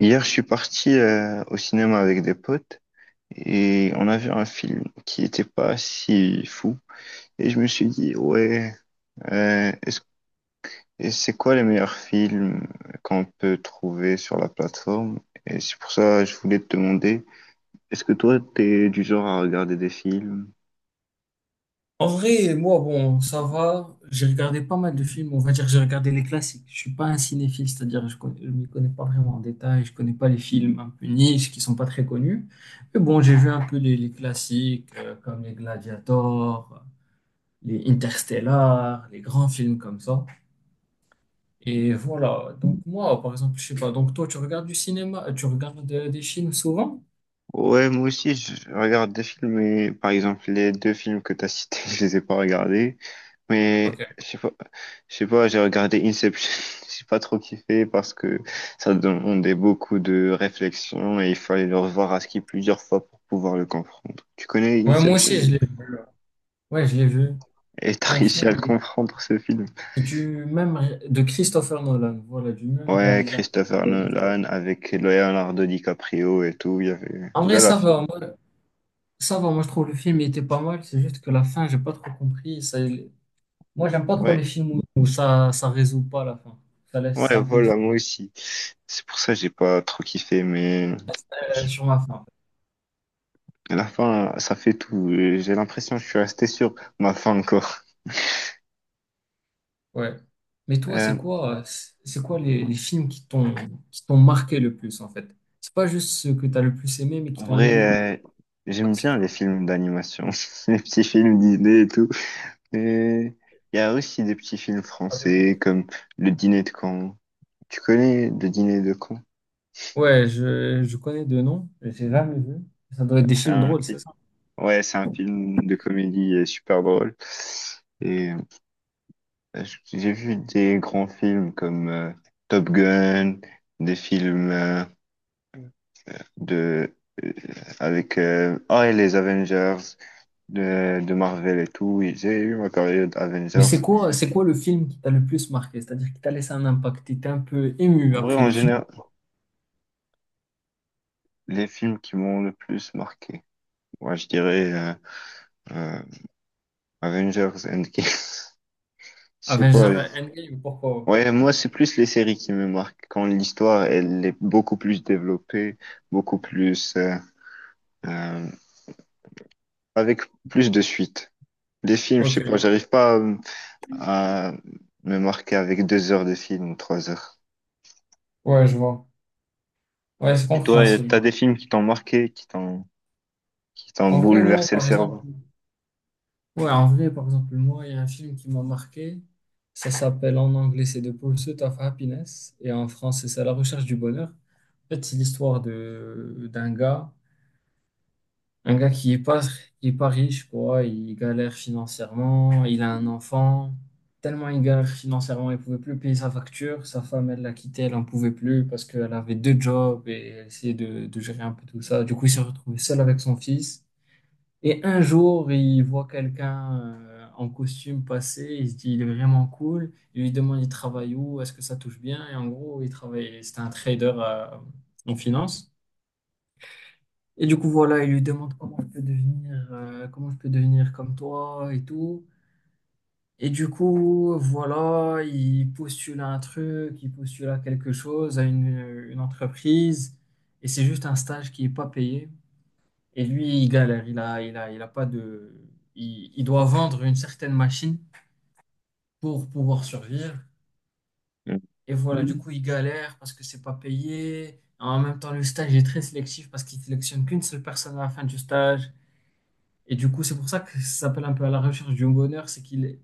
Hier, je suis parti au cinéma avec des potes et on a vu un film qui n'était pas si fou. Et je me suis dit, ouais, euh, est-ce- et c'est quoi les meilleurs films qu'on peut trouver sur la plateforme? Et c'est pour ça que je voulais te demander, est-ce que toi, t'es du genre à regarder des films? En vrai, moi, bon, ça va. J'ai regardé pas mal de films. On va dire que j'ai regardé les classiques. Je suis pas un cinéphile, c'est-à-dire je m'y connais pas vraiment en détail. Je connais pas les films un peu niche qui sont pas très connus. Mais bon, j'ai vu un peu les classiques comme les Gladiators, les Interstellar, les grands films comme ça. Et voilà. Donc moi, par exemple, je sais pas. Donc toi, tu regardes du cinéma, tu regardes des films souvent? Ouais, moi aussi, je regarde des films, mais par exemple, les deux films que t'as cités, je les ai pas regardés. Mais Ok. je sais pas, j'ai regardé Inception, j'ai pas trop kiffé parce que ça demandait beaucoup de réflexion et il fallait le revoir à ski plusieurs fois pour pouvoir le comprendre. Tu connais Ouais, moi aussi, Inception? je l'ai vu. Ouais, je l'ai vu. Et t'as C'est un réussi à le film, comprendre, ce film. De Christopher Nolan, voilà, du même Ouais, réalisateur. Christopher que- Nolan avec Leonardo DiCaprio et tout, il y avait En une vrai, belle ça affiche. va, moi, je trouve le film il était pas mal, c'est juste que la fin, j'ai pas trop compris. Ça, moi, j'aime pas trop Ouais. les films où ça résout pas la fin. Ça laisse Ouais, un peu une voilà, moi aussi. C'est pour ça que j'ai pas trop kiffé, mais fin je- sur la fin. à la fin, ça fait tout. J'ai l'impression que je suis resté sur ma fin encore. Ouais. Mais toi, c'est Euh, quoi, c'est quoi les films qui t'ont marqué le plus en fait? C'est pas juste ceux que t'as le plus aimé, mais en qui t'ont vrai, j'aime marqué sur bien les films d'animation, les petits films Disney et tout. Et il y a aussi des petits films ta table de compte. français comme Le Dîner de Caen. Tu connais Le Dîner de Caen? Ouais, je connais deux noms, mais j'ai jamais vu. Ça doit être des C'est films un drôles, film. c'est ça? Ouais, c'est un film de comédie super drôle. Et Parce que j'ai vu des grands films comme Top Gun, des films de euh, et les Avengers de Marvel et tout. Oui, j'ai eu ma période Mais Avengers. c'est quoi le film qui t'a le plus marqué? C'est-à-dire qui t'a laissé un impact, t'étais un peu ému En vrai, après en le film. général, les films qui m'ont le plus marqué. Moi, je dirais euh, Avengers Endgame. Je sais pas. Avengers Endgame, pourquoi? Ouais, moi, c'est plus les séries qui me marquent. Quand l'histoire, elle est beaucoup plus développée, beaucoup plus euh, avec plus de suites. Des films, je sais pas, Ok. j'arrive pas à me marquer avec 2 heures de film ou 3 heures. Ouais, je vois. Ouais, c'est Et toi, t'as compréhensible. des films qui t'ont marqué, qui t'ont En vrai, moi, bouleversé le par exemple, cerveau, ouais, en vrai, par exemple, moi, il y a un film qui m'a marqué. Ça s'appelle en anglais, c'est The Pursuit of Happiness, et en français, c'est La Recherche du Bonheur. En fait, c'est l'histoire de d'un gars. Un gars qui est pas riche, quoi, il galère financièrement, il a un enfant. Tellement il galère financièrement, il pouvait plus payer sa facture. Sa femme, elle l'a quitté, elle en pouvait plus parce qu'elle avait deux jobs et elle essayait de gérer un peu tout ça. Du coup, il s'est retrouvé seul avec son fils. Et un jour, il voit quelqu'un en costume passer, il se dit, il est vraiment cool. Il lui demande, il travaille où, est-ce que ça touche bien? Et en gros, il travaille, c'était un trader en finance. Et du coup, voilà, il lui demande comment je peux devenir comme toi et tout. Et du coup, voilà, il postule à un truc, il postule à quelque chose, à une entreprise, et c'est juste un stage qui n'est pas payé. Et lui, il galère, il a pas de... Il doit vendre une certaine machine pour pouvoir survivre. euh, Et voilà, du coup, il galère parce que c'est pas payé. En même temps, le stage est très sélectif parce qu'il sélectionne qu'une seule personne à la fin du stage. Et du coup, c'est pour ça que ça s'appelle un peu à la recherche du bonheur, c'est qu'il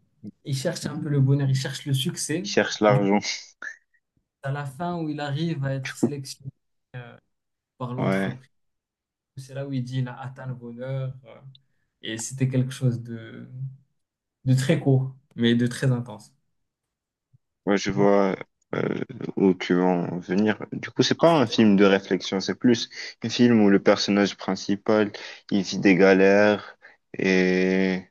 il cherche un peu le bonheur, il cherche le succès. qui cherchent Et du coup, l'argent. à la fin où il arrive à être sélectionné par Ouais, l'entreprise, c'est là où il dit il a atteint le bonheur. Et c'était quelque chose de très court, mais de très intense. ouais, je vois euh, où tu veux en venir. Du coup, c'est pas un film de réflexion, c'est plus un film où le personnage principal, il vit des galères et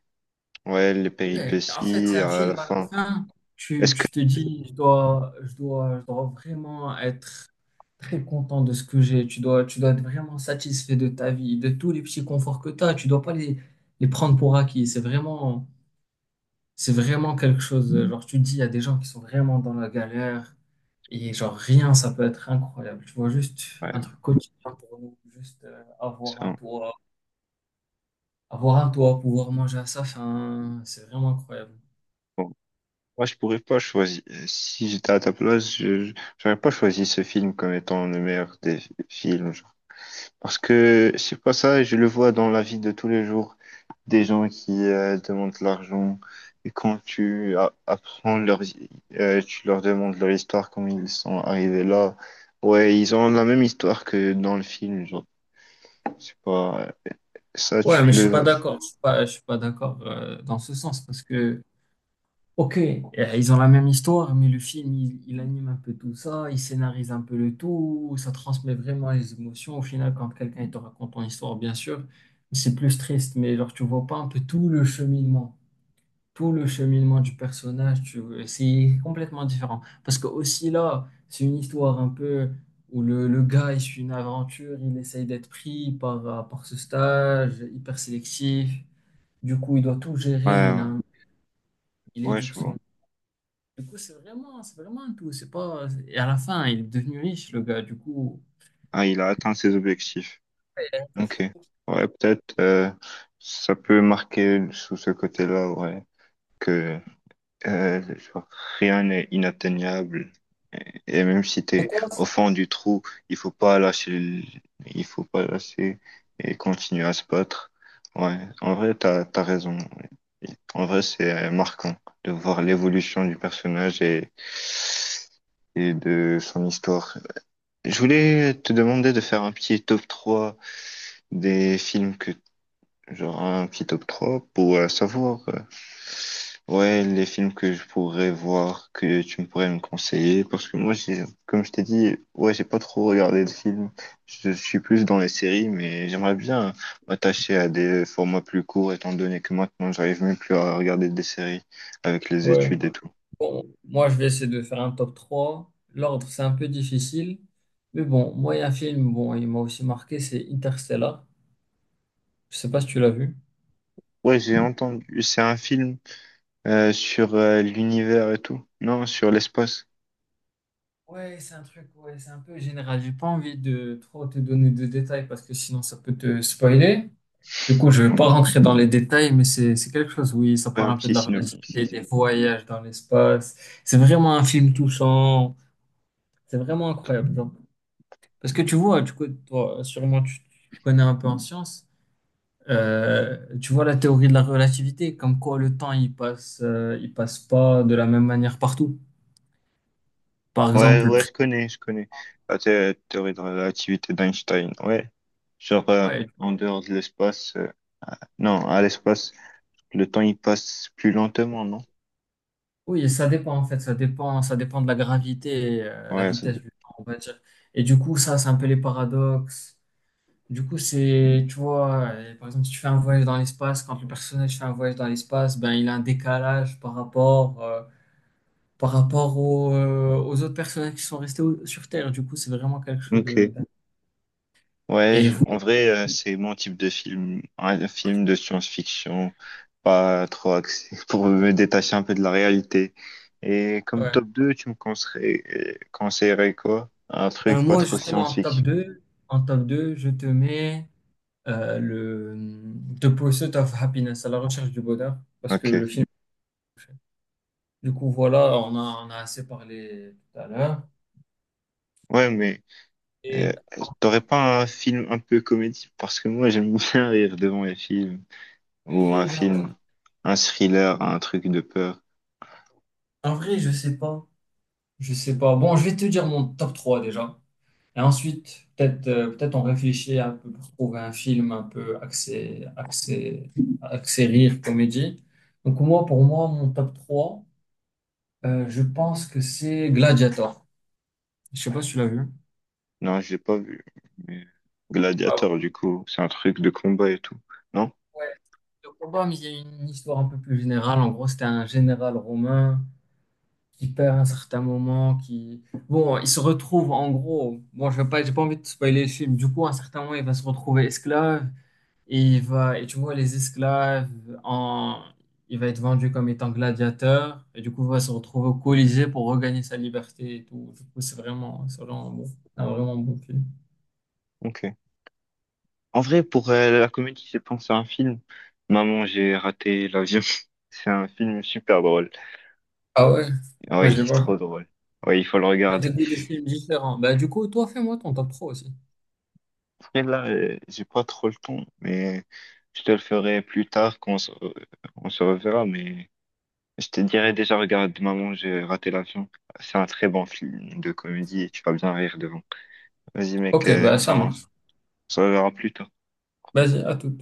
ouais, les Ouais, en fait, c'est péripéties un à la film à la fin. fin. Tu, Est-ce que tu te dis, je dois vraiment être très content de ce que j'ai. Tu dois être vraiment satisfait de ta vie, de tous les petits conforts que tu as. Tu dois pas les prendre pour acquis. C'est vraiment quelque chose. Genre, tu te dis, il y a des gens qui sont vraiment dans la galère et genre rien, ça peut être incroyable. Tu vois, juste un ouais, truc quotidien pour nous, juste avoir un ça, toit, avoir un toit, pouvoir manger à sa faim, c'est vraiment incroyable. bon. Moi, je pourrais pas choisir. Si j'étais à ta place, j'aurais pas choisi ce film comme étant le meilleur des films. Genre. Parce que c'est pas ça, je le vois dans la vie de tous les jours, des gens qui demandent de l'argent. Et quand apprends tu leur demandes leur histoire, comment ils sont arrivés là. Ouais, ils ont la même histoire que dans le film. Genre, c'est pas ça, Ouais, tu mais je suis pas le. d'accord. Je suis pas d'accord dans ce sens parce que, ok, ils ont la même histoire, mais le film, il anime un peu tout ça, il scénarise un peu le tout, ça transmet vraiment les émotions. Au final, quand quelqu'un il te raconte ton histoire, bien sûr, c'est plus triste, mais genre, tu vois pas un peu tout le cheminement du personnage, c'est complètement différent. Parce que aussi là, c'est une histoire un peu où le gars, il suit une aventure, il essaye d'être pris par ce stage hyper sélectif. Du coup, il doit tout Ouais, gérer, ouais, il ouais, je éduque son... vois. Du coup, c'est vraiment un tout. C'est pas... Et à la fin, il est devenu riche, le gars. Du coup... Ah, il a atteint ses objectifs. Ok. Ouais, peut-être ça peut marquer sous ce côté-là, ouais, que genre, rien n'est inatteignable. Et même si Et t'es toi, au fond du trou, il faut pas lâcher, il faut pas lâcher et continuer à se battre. Ouais, en vrai, t'as raison. Ouais. En vrai, c'est marquant de voir l'évolution du personnage et de son histoire. Je voulais te demander de faire un petit top 3 des films que. Genre, un petit top 3 pour savoir ouais, les films que je pourrais voir, que tu me pourrais me conseiller, parce que moi, j'ai, comme je t'ai dit, ouais, j'ai pas trop regardé de films. Je suis plus dans les séries, mais j'aimerais bien m'attacher à des formats plus courts étant donné que maintenant j'arrive même plus à regarder des séries avec les ouais. études et tout. Bon, moi, je vais essayer de faire un top 3. L'ordre, c'est un peu difficile. Mais bon, moi, il y a un film, bon, il m'a aussi marqué, c'est Interstellar. Je sais pas si tu l'as vu. Ouais, j'ai entendu, c'est un film sur l'univers et tout, non, sur l'espace. Ouais, c'est un truc, ouais, c'est un peu général. J'ai pas envie de trop te donner de détails parce que sinon ça peut te spoiler. Du coup, je vais pas rentrer dans les détails, mais c'est quelque chose, oui, ça Ouais, parle un un peu de petit la relativité, synopsis. des voyages dans l'espace. C'est vraiment un film touchant. C'est vraiment incroyable, genre. Parce que tu vois, du coup, toi, sûrement, tu connais un peu en science. Tu vois la théorie de la relativité, comme quoi le temps il passe pas de la même manière partout. Par Ouais, exemple, le ouais, prix. je connais, je connais. La théorie de la relativité d'Einstein, ouais. Genre, Ouais, en dehors de l'espace, non, à l'espace, le temps, il passe plus lentement, non? oui, ça dépend en fait, ça dépend de la gravité, et, la Ouais, vitesse du temps, on va dire. Et du coup, ça, c'est un peu les paradoxes. Du coup, c'est, tu vois, par exemple, si tu fais un voyage dans l'espace, quand le personnage fait un voyage dans l'espace, ben il a un décalage par rapport aux autres personnages qui sont restés sur Terre. Du coup, c'est vraiment quelque chose de. ok. Ouais, Et vous? en vrai, c'est mon type de film, un film de science-fiction, pas trop axé, pour me détacher un peu de la réalité. Et comme Ouais. top 2, tu me conseillerais quoi? Un Ben, truc pas moi, trop justement, en top science-fiction. 2, je te mets le The Pursuit of Happiness, à la recherche du bonheur, parce que Ok. le film. Du coup, voilà, on a assez parlé tout à l'heure. Ouais, mais Euh, Et en t'aurais top pas un film un peu comédie? Parce que moi, j'aime bien rire devant les films. Ou un de film, un thriller, un truc de peur. En vrai, je sais pas. Je sais pas. Bon, je vais te dire mon top 3 déjà. Et ensuite, peut-être on réfléchit un peu pour trouver un film un peu axé rire, comédie. Donc, moi, pour moi, mon top 3. Je pense que c'est Gladiator. Je sais pas si tu l'as vu. Non, j'ai pas vu. Mais Ah bon. Gladiator, du coup, c'est un truc de combat et tout. Non? Ouais, le combat, mais il y a une histoire un peu plus générale. En gros, c'était un général romain qui perd un certain moment, qui... Bon, il se retrouve, en gros... Bon, je vais pas, j'ai pas envie de spoiler le film. Du coup, à un certain moment, il va se retrouver esclave. Et il va... Et tu vois, les esclaves, en... il va être vendu comme étant gladiateur. Et du coup, il va se retrouver au Colisée pour regagner sa liberté et tout. Du coup, c'est vraiment... C'est vraiment bon. Un vraiment bon film. Ok. En vrai, pour la comédie, je pense à un film. Maman, j'ai raté l'avion. C'est un film super drôle. Ah ouais, moi Oui, je il l'ai est pas. trop drôle. Oui, il faut le T'as des regarder. goûts de films différents. Bah, du coup, toi, fais-moi ton top 3 aussi. Après, là, j'ai pas trop le temps, mais je te le ferai plus tard quand on se reverra, mais. Je te dirais déjà, regarde, Maman, j'ai raté l'avion. C'est un très bon film de comédie et tu vas bien rire devant. Vas-y, mec, Ok, bah, ça ciao. On marche. se reverra plus tard. Vas-y, à tout.